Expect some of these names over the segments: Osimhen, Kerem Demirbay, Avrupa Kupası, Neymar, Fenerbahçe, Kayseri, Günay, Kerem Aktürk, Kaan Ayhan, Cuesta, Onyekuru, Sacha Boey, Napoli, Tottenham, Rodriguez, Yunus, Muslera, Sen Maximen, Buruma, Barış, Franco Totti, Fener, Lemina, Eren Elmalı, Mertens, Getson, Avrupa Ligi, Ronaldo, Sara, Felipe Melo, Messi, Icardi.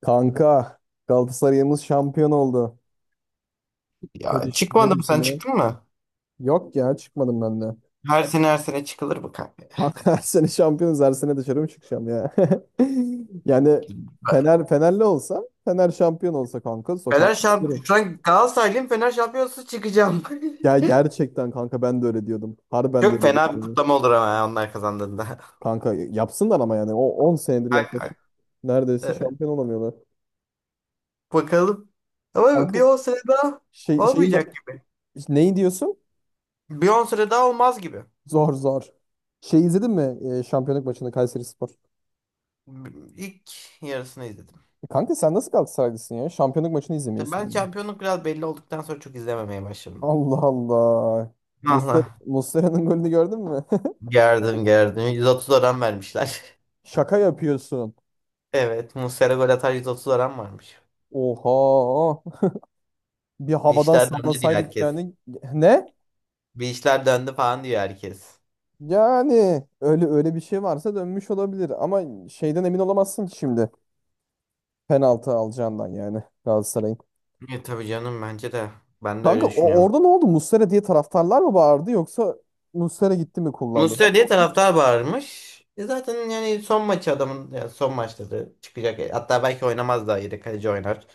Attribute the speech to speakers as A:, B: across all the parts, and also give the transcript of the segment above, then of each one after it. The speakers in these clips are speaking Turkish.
A: Kanka Galatasaray'ımız şampiyon oldu. Ne,
B: Ya
A: düş ne
B: çıkmadım sen
A: düşünüyorsun?
B: çıktın mı?
A: Yok ya çıkmadım ben de.
B: Her sene her sene çıkılır bu kanka.
A: Kanka her sene şampiyonuz, her sene dışarı mı çıkacağım ya? Yani
B: Bak,
A: Fenerli olsa, Fener şampiyon olsa kanka sokağa
B: Fener şamp
A: çıkarım.
B: şu an Galatasaraylıyım, Fener şampiyonası çıkacağım.
A: Ya gerçekten kanka ben de öyle diyordum. Harbiden de
B: Çok
A: öyle
B: fena bir
A: diyordum.
B: kutlama olur ama ya onlar kazandığında.
A: Kanka yapsınlar ama yani o 10 senedir
B: Ay, ay,
A: yaklaşık neredeyse
B: evet.
A: şampiyon olamıyorlar.
B: Bakalım. Ama bir
A: Kanka
B: on sene daha
A: şey, şey
B: olmayacak
A: ma-
B: gibi.
A: neyi diyorsun?
B: Bir on sene daha olmaz gibi.
A: Zor zor. Şey izledin mi şampiyonluk maçını Kayseri.
B: İlk yarısını izledim.
A: Kanka sen nasıl Galatasaraylısın ya? Şampiyonluk maçını
B: İşte
A: izlemiyorsun
B: ben
A: yani.
B: şampiyonluk biraz belli olduktan sonra çok izlememeye başladım.
A: Allah Allah.
B: Allah.
A: Muslera'nın golünü gördün mü?
B: Gerdim gerdim. 130 oran vermişler.
A: Şaka yapıyorsun.
B: Evet. Muslera gol atar 130 oran varmış.
A: Oha. Bir
B: Bir
A: havadan
B: işler döndü diye
A: sallasaydık
B: herkes.
A: yani. Ne?
B: Bir işler döndü falan diyor herkes.
A: Yani öyle öyle bir şey varsa dönmüş olabilir ama şeyden emin olamazsın ki şimdi, penaltı alacağından yani, Galatasaray'ın.
B: E tabii canım bence de. Ben de öyle
A: Kanka
B: düşünüyorum.
A: orada ne oldu? Muslera diye taraftarlar mı bağırdı yoksa Muslera gitti mi kullandı?
B: Muslera diye
A: Nasıl?
B: taraftar bağırmış. E zaten yani son maçı adamın ya son maçta da çıkacak. Hatta belki oynamaz, daha yedek kaleci oynar.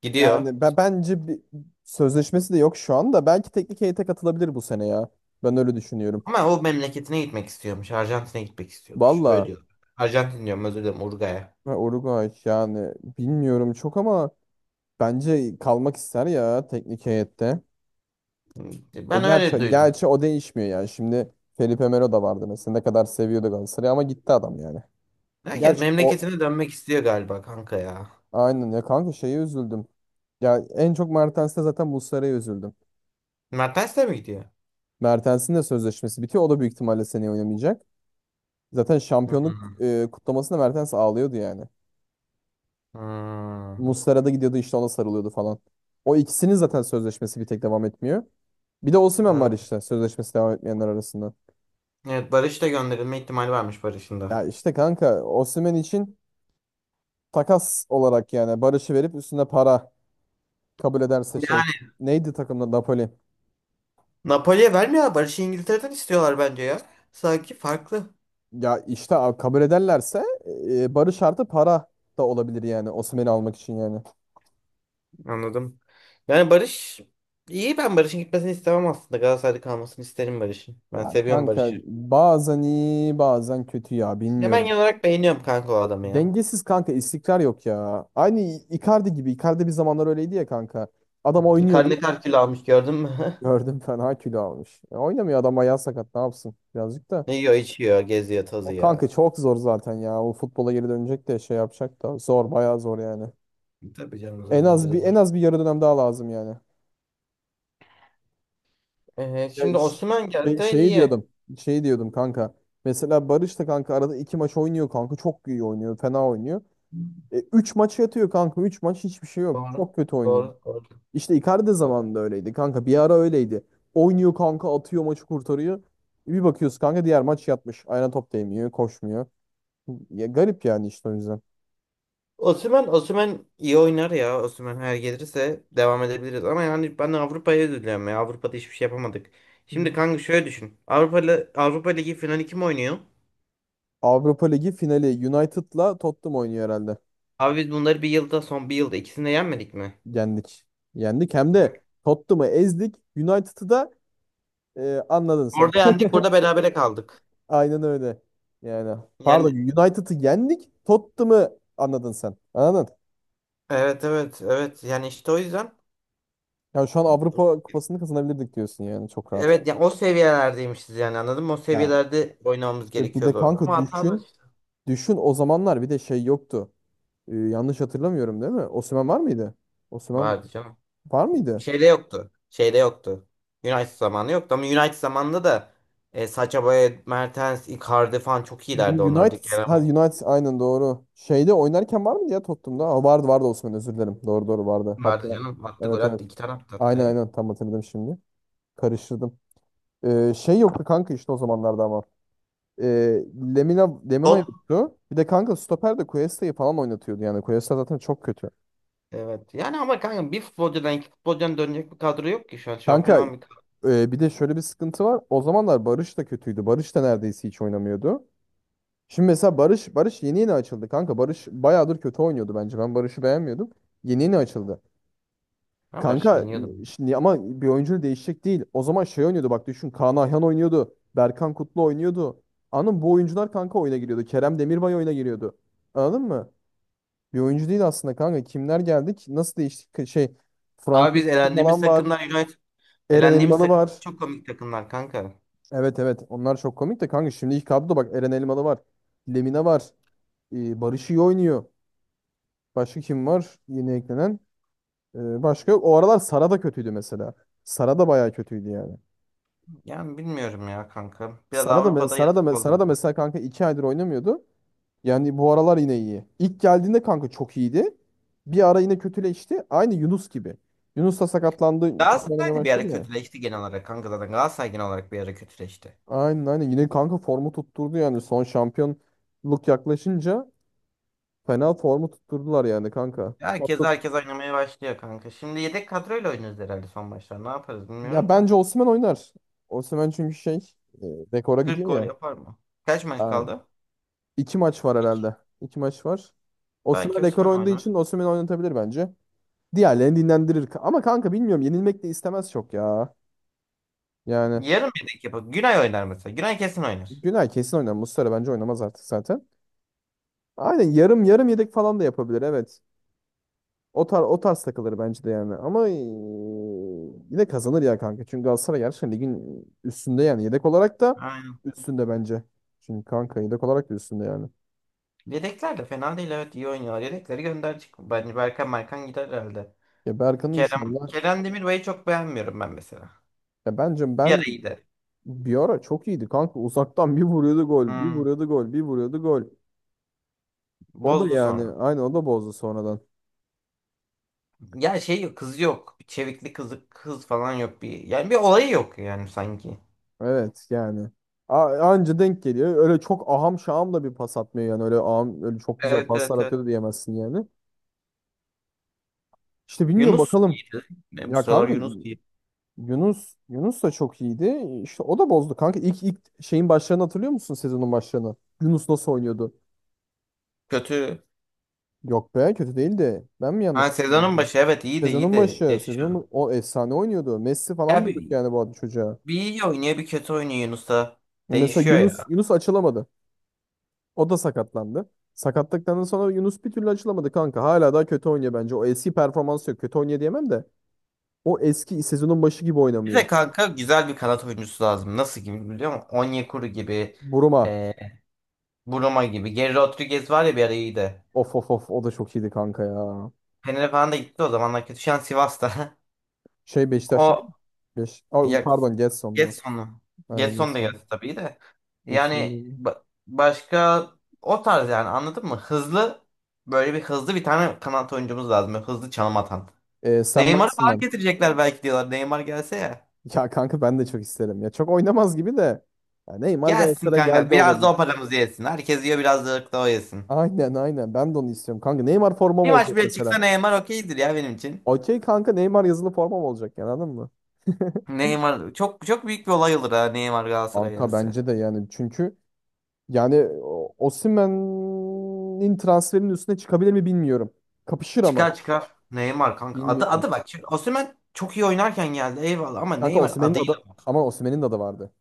B: Gidiyor.
A: Yani ben bence bir sözleşmesi de yok şu anda. Belki teknik heyete katılabilir bu sene ya. Ben öyle düşünüyorum.
B: Ama o memleketine gitmek istiyormuş. Arjantin'e gitmek istiyormuş. Öyle
A: Valla,
B: diyor. Arjantin diyorum, özür dilerim, Uruguay'a.
A: ha, Uruguay yani bilmiyorum çok, ama bence kalmak ister ya teknik heyette. E
B: Ben öyle
A: gerçi,
B: duydum.
A: gerçi o değişmiyor yani. Şimdi Felipe Melo da vardı mesela. Ne kadar seviyordu Galatasaray'ı ama gitti adam yani.
B: Herkes
A: Gerçi o,
B: memleketine dönmek istiyor galiba kanka ya.
A: aynen ya kanka, şeye üzüldüm. Ya en çok Mertens'te, zaten Muslera'ya üzüldüm.
B: Mertens de mi gidiyor?
A: Mertens'in de sözleşmesi bitiyor. O da büyük ihtimalle seneye oynamayacak. Zaten şampiyonluk
B: Hmm.
A: kutlamasında Mertens ağlıyordu yani.
B: Hmm.
A: Muslera da gidiyordu işte, ona sarılıyordu falan. O ikisinin zaten sözleşmesi bir tek devam etmiyor. Bir de Osimhen var
B: Ben-
A: işte, sözleşmesi devam etmeyenler arasında.
B: evet Barış da gönderilme ihtimali varmış, Barış'ın da.
A: Ya işte kanka, Osimhen için takas olarak yani Barış'ı verip üstüne para kabul ederse şey.
B: Yani
A: Neydi takımda, Napoli?
B: Napoli'ye vermiyor ya. Barış'ı İngiltere'den istiyorlar bence ya. Sanki farklı.
A: Ya işte kabul ederlerse Barış artı para da olabilir yani, Osimhen'i almak için yani.
B: Anladım. Yani Barış iyi, ben Barış'ın gitmesini istemem aslında. Galatasaray'da kalmasını isterim Barış'ın. Ben
A: Ya
B: seviyorum
A: kanka,
B: Barış'ı.
A: bazen iyi bazen kötü ya,
B: Ya ben
A: bilmiyorum.
B: genel olarak beğeniyorum kanka o adamı ya.
A: Dengesiz kanka, istikrar yok ya. Aynı Icardi gibi. Icardi bir zamanlar öyleydi ya kanka. Adam oynuyordu.
B: Karne kar kilo almış, gördün mü?
A: Gördüm, fena kilo almış. Oynamıyor adam, ayağı sakat, ne yapsın birazcık da.
B: Ne yiyor, içiyor, geziyor,
A: O
B: tozuyor.
A: kanka çok zor zaten ya. O futbola geri dönecek de şey yapacak da, zor, bayağı zor yani.
B: Tabii canım,
A: En
B: zor
A: az
B: bence de
A: bir en
B: zor.
A: az bir yarı dönem daha lazım yani. Ya,
B: Şimdi
A: ş-
B: Osimhen gelse
A: Şeyi
B: iyi.
A: diyordum. Şey diyordum kanka. Mesela Barış da kanka arada iki maç oynuyor kanka. Çok iyi oynuyor. Fena oynuyor. Üç maç yatıyor kanka. Üç maç hiçbir şey yok.
B: Doğru.
A: Çok kötü oynuyor.
B: Doğru. Doğru.
A: İşte Icardi zamanında öyleydi kanka. Bir ara öyleydi. Oynuyor kanka, atıyor, maçı kurtarıyor. Bir bakıyoruz kanka, diğer maç yatmış. Ayağına top değmiyor, koşmuyor. Ya garip yani işte, o yüzden.
B: Osimhen, Osimhen iyi oynar ya. Osimhen her gelirse devam edebiliriz. Ama yani ben Avrupa'ya üzülüyorum ya. Avrupa'da hiçbir şey yapamadık. Şimdi kanka şöyle düşün. Avrupa Ligi finali kim oynuyor?
A: Avrupa Ligi finali United'la Tottenham oynuyor herhalde.
B: Abi biz bunları bir yılda son bir yılda ikisini de yenmedik mi?
A: Yendik. Yendik, hem de
B: Bak,
A: Tottenham'ı ezdik. United'ı da anladın sen.
B: orada yendik, burada berabere kaldık.
A: Aynen öyle. Yani pardon,
B: Yani
A: United'ı yendik. Tottenham'ı anladın sen. Anladın?
B: evet, evet, evet. Yani işte o yüzden
A: Yani şu an Avrupa Kupası'nı kazanabilirdik diyorsun yani, çok rahat.
B: evet, yani o seviyelerdeymişiz, yani anladın mı? O
A: Ya
B: seviyelerde oynamamız
A: işte bir de
B: gerekiyordu.
A: kanka
B: Ama hatamız
A: düşün.
B: işte
A: Düşün, o zamanlar bir de şey yoktu. Yanlış hatırlamıyorum değil mi? Osimhen var mıydı? Osimhen
B: vardı canım.
A: var mıydı?
B: Şeyde yoktu. Şeyde yoktu. United zamanı yoktu ama United zamanında da Sacha Boey, Mertens, Icardi falan çok iyilerdi onlarda.
A: United,
B: Kerem
A: ha
B: Aktürk
A: United aynen doğru. Şeyde oynarken var mıydı ya, Tottenham'da? Vardı vardı, Osimhen, özür dilerim. Doğru doğru, vardı. Hatta
B: vardı canım. Attı, gol
A: evet evet.
B: attı. İki tane attı hatta
A: Aynen
B: ya.
A: aynen, tam hatırladım şimdi. Karıştırdım. Şey yoktu kanka işte o zamanlarda ama. Ee, Lemina
B: Tot.
A: yoktu. Bir de kanka stoper de Cuesta'yı falan oynatıyordu yani. Cuesta zaten çok kötü.
B: Evet. Yani ama kanka bir futbolcudan, iki futbolcudan dönecek bir kadro yok ki şu an. Şampiyon
A: Kanka
B: olan bir kadro.
A: bir de şöyle bir sıkıntı var. O zamanlar Barış da kötüydü. Barış da neredeyse hiç oynamıyordu. Şimdi mesela Barış yeni yeni açıldı kanka. Barış bayağıdır kötü oynuyordu bence. Ben Barış'ı beğenmiyordum. Yeni yeni açıldı.
B: Ben Barış
A: Kanka
B: beğeniyordum.
A: şimdi ama bir oyuncu değişecek değil. O zaman şey oynuyordu, bak düşün. Kaan Ayhan oynuyordu. Berkan Kutlu oynuyordu. Anladın mı? Bu oyuncular kanka oyuna giriyordu. Kerem Demirbay oyuna giriyordu. Anladın mı? Bir oyuncu değil aslında kanka. Kimler geldik? Nasıl değişti? Şey,
B: Abi
A: Franco
B: biz
A: Totti
B: elendiğimiz
A: falan var.
B: takımlar United.
A: Eren
B: Elendiğimiz
A: Elmalı
B: takım
A: var.
B: çok komik takımlar kanka.
A: Evet evet, onlar çok komik de kanka, şimdi ilk kadroda bak, Eren Elmalı var. Lemina var. Barış iyi oynuyor. Başka kim var yeni eklenen? Başka yok. O aralar Sara da kötüydü mesela. Sara da bayağı kötüydü yani.
B: Yani bilmiyorum ya kanka. Biraz Avrupa'da yazık oldu
A: Sara da
B: bize.
A: mesela kanka 2 aydır oynamıyordu. Yani bu aralar yine iyi. İlk geldiğinde kanka çok iyiydi. Bir ara yine kötüleşti. Aynı Yunus gibi. Yunus da sakatlandı. Kötü
B: Galatasaray
A: oynamaya
B: da bir ara
A: başladı ya.
B: kötüleşti genel olarak kanka zaten. Galatasaray genel olarak bir ara kötüleşti.
A: Aynen aynen. Yine kanka formu tutturdu yani. Son şampiyonluk yaklaşınca fena formu tutturdular yani kanka.
B: Herkes
A: Hatta,
B: herkes oynamaya başlıyor kanka. Şimdi yedek kadroyla oynuyoruz herhalde son maçlar. Ne yaparız
A: ya
B: bilmiyorum da.
A: bence Osimhen oynar. Osimhen çünkü e, rekora
B: 40
A: gidiyor
B: gol
A: ya.
B: yapar mı? Kaç maç
A: Ha,
B: kaldı?
A: iki maç var
B: İki.
A: herhalde. İki maç var. Osimhen
B: Belki
A: rekor
B: Osman
A: oynadığı
B: oynar.
A: için Osimhen'i oynatabilir bence. Diğerlerini dinlendirir. Ama kanka bilmiyorum, yenilmek de istemez çok ya. Yani
B: Yarım yedek yapar. Günay oynar mesela. Günay kesin oynar.
A: Günay kesin oynar. Muslera bence oynamaz artık zaten. Aynen, yarım yarım yedek falan da yapabilir, evet. O tarz takılır bence de yani. Ama yine kazanır ya kanka. Çünkü Galatasaray gerçekten ligin üstünde yani. Yedek olarak da
B: Aynen.
A: üstünde bence. Çünkü kanka yedek olarak da üstünde yani.
B: Yedekler de fena değil, evet, iyi oynuyorlar. Yedekleri gönderecek. Bence Berkan gider herhalde.
A: Ya Berkan'ı
B: Kerem,
A: inşallah.
B: Kerem Demirbay'ı çok beğenmiyorum ben mesela.
A: Ya bence
B: Bir ara
A: ben,
B: iyiydi.
A: bir ara çok iyiydi kanka. Uzaktan bir vuruyordu gol, bir
B: Hmm,
A: vuruyordu gol, bir vuruyordu gol. O da
B: bozdu sonra.
A: yani, aynı, o da bozdu sonradan.
B: Ya şey yok, kız yok. Bir çevikli kızı, kız falan yok bir. Yani bir olayı yok yani sanki.
A: Evet yani. Anca denk geliyor. Öyle çok aham şaham da bir pas atmıyor yani. Öyle aham, öyle çok güzel
B: Evet,
A: paslar
B: evet, evet.
A: atıyordu diyemezsin yani. İşte bilmiyorum,
B: Yunus
A: bakalım.
B: iyiydi. Ne, bu
A: Ya
B: sıralar
A: kanka,
B: Yunus iyi.
A: Yunus da çok iyiydi. İşte o da bozdu kanka. İlk şeyin başlarını hatırlıyor musun, sezonun başlarını? Yunus nasıl oynuyordu?
B: Kötü.
A: Yok be, kötü değildi. Ben mi
B: Ha,
A: yanlış
B: sezonun
A: hatırlıyorum?
B: başı evet, iyiydi iyiydi. Geçiyor.
A: Sezonun, o efsane oynuyordu. Messi falan
B: Ya
A: diyorduk
B: bir,
A: yani bu adı çocuğa.
B: bir iyi oynuyor bir kötü oynuyor Yunus da
A: Mesela
B: değişiyor
A: Yunus
B: ya.
A: Yunus açılamadı. O da sakatlandı. Sakatlıktan sonra Yunus bir türlü açılamadı kanka. Hala daha kötü oynuyor bence. O eski performansı yok. Kötü oynuyor diyemem de. O eski sezonun başı gibi
B: Bir
A: oynamıyor.
B: de kanka güzel bir kanat oyuncusu lazım. Nasıl gibi biliyor musun? Onyekuru gibi.
A: Buruma.
B: E, Buruma gibi. Geri Rodriguez var ya, bir ara iyiydi.
A: Of of of, o da çok iyiydi kanka ya.
B: Fener'e falan da gitti o zamanlar, kötü. Şu an Sivas'ta.
A: Şey, Beşiktaş'ta değil
B: O
A: mi?
B: Ya,
A: Pardon, Getson'du.
B: Getson'u.
A: Aynen,
B: Getson da
A: Getson.
B: geldi tabii de. Yani
A: Getson.
B: başka, o tarz yani anladın mı? Böyle bir hızlı bir tane kanat oyuncumuz lazım. Böyle hızlı çalım atan.
A: Sen
B: Neymar'ı falan
A: Maximen.
B: getirecekler belki diyorlar. Neymar gelse ya.
A: Ya kanka ben de çok isterim. Ya çok oynamaz gibi de. Ya Neymar
B: Gelsin
A: Galatasaray'a
B: kanka.
A: geldi, olur.
B: Biraz da o paramızı yesin. Herkes yiyor, biraz da o yesin.
A: Aynen aynen. Ben de onu istiyorum. Kanka Neymar formam
B: Bir maç
A: olacak
B: bile çıksa
A: mesela.
B: Neymar okeydir ya benim için.
A: Okey kanka, Neymar yazılı formam olacak, yani anladın mı?
B: Neymar çok çok büyük bir olay olur, ha Neymar Galatasaray'a
A: Kanka
B: gelse.
A: bence de, yani çünkü yani Osimhen'in transferinin üstüne çıkabilir mi bilmiyorum. Kapışır ama
B: Çıkar çıkar. Neymar kanka. Adı,
A: bilmiyorum.
B: adı bak. Şimdi Osimhen çok iyi oynarken geldi, eyvallah, ama
A: Kanka
B: Neymar
A: Osimhen'in
B: adıyla.
A: adı, ama Osimhen'in de adı vardı.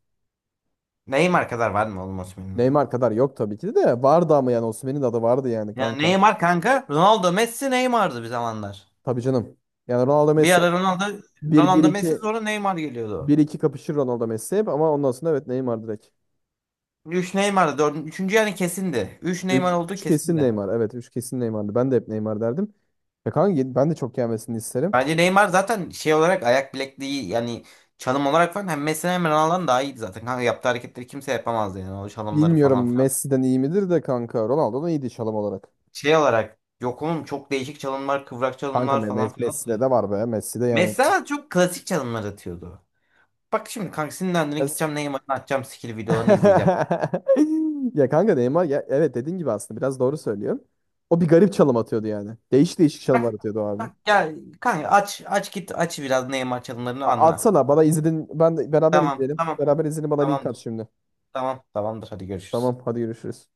B: Neymar kadar var mı oğlum Osimhen'in adı?
A: Neymar kadar yok tabii ki de vardı, ama yani Osimhen'in de adı vardı yani
B: Yani
A: kanka.
B: Neymar kanka. Ronaldo, Messi, Neymar'dı bir zamanlar.
A: Tabii canım. Yani Ronaldo
B: Bir
A: Messi
B: ara Ronaldo
A: bir, bir
B: Ronaldo Messi,
A: iki,
B: sonra Neymar
A: bir
B: geliyordu.
A: iki kapışır Ronaldo Messi hep ama ondan sonra evet, Neymar direkt.
B: Üç Neymar'dı. Üçüncü yani kesindi. Üç Neymar
A: üç
B: olduğu
A: üç kesin
B: kesindi.
A: Neymar. Evet, 3 kesin Neymar'dı. Ben de hep Neymar derdim. Ya kanka ben de çok gelmesini isterim.
B: Bence Neymar zaten şey olarak, ayak bilekliği yani, çalım olarak falan hem Messi hem Ronaldo'dan daha iyiydi zaten. Kanka yaptığı hareketleri kimse yapamazdı yani, o çalımları falan.
A: Bilmiyorum, Messi'den iyi midir de kanka, Ronaldo'dan iyiydi şalım olarak.
B: Şey olarak yok oğlum, çok değişik çalımlar, kıvrak
A: Kanka
B: çalımlar falan filan
A: Messi'de
B: atıyor.
A: de var be. Messi'de yani.
B: Mesela çok klasik çalımlar atıyordu. Bak şimdi kanka, sinirlendiğine
A: Yes.
B: gideceğim Neymar'ın, atacağım skill videolarını izleyeceğim.
A: Ya kanka Neymar ya, evet, dediğin gibi aslında biraz doğru söylüyorsun. O bir garip çalım atıyordu yani. Değişik değişik çalımlar
B: Bak
A: atıyordu o abi.
B: bak, gel kanka, aç aç git, aç biraz Neymar çalımlarını anla.
A: Atsana bana, izledin. Beraber
B: Tamam
A: izleyelim.
B: tamam
A: Beraber izleyelim, bana link at
B: tamamdır.
A: şimdi.
B: Tamam tamamdır, hadi görüşürüz.
A: Tamam hadi, görüşürüz.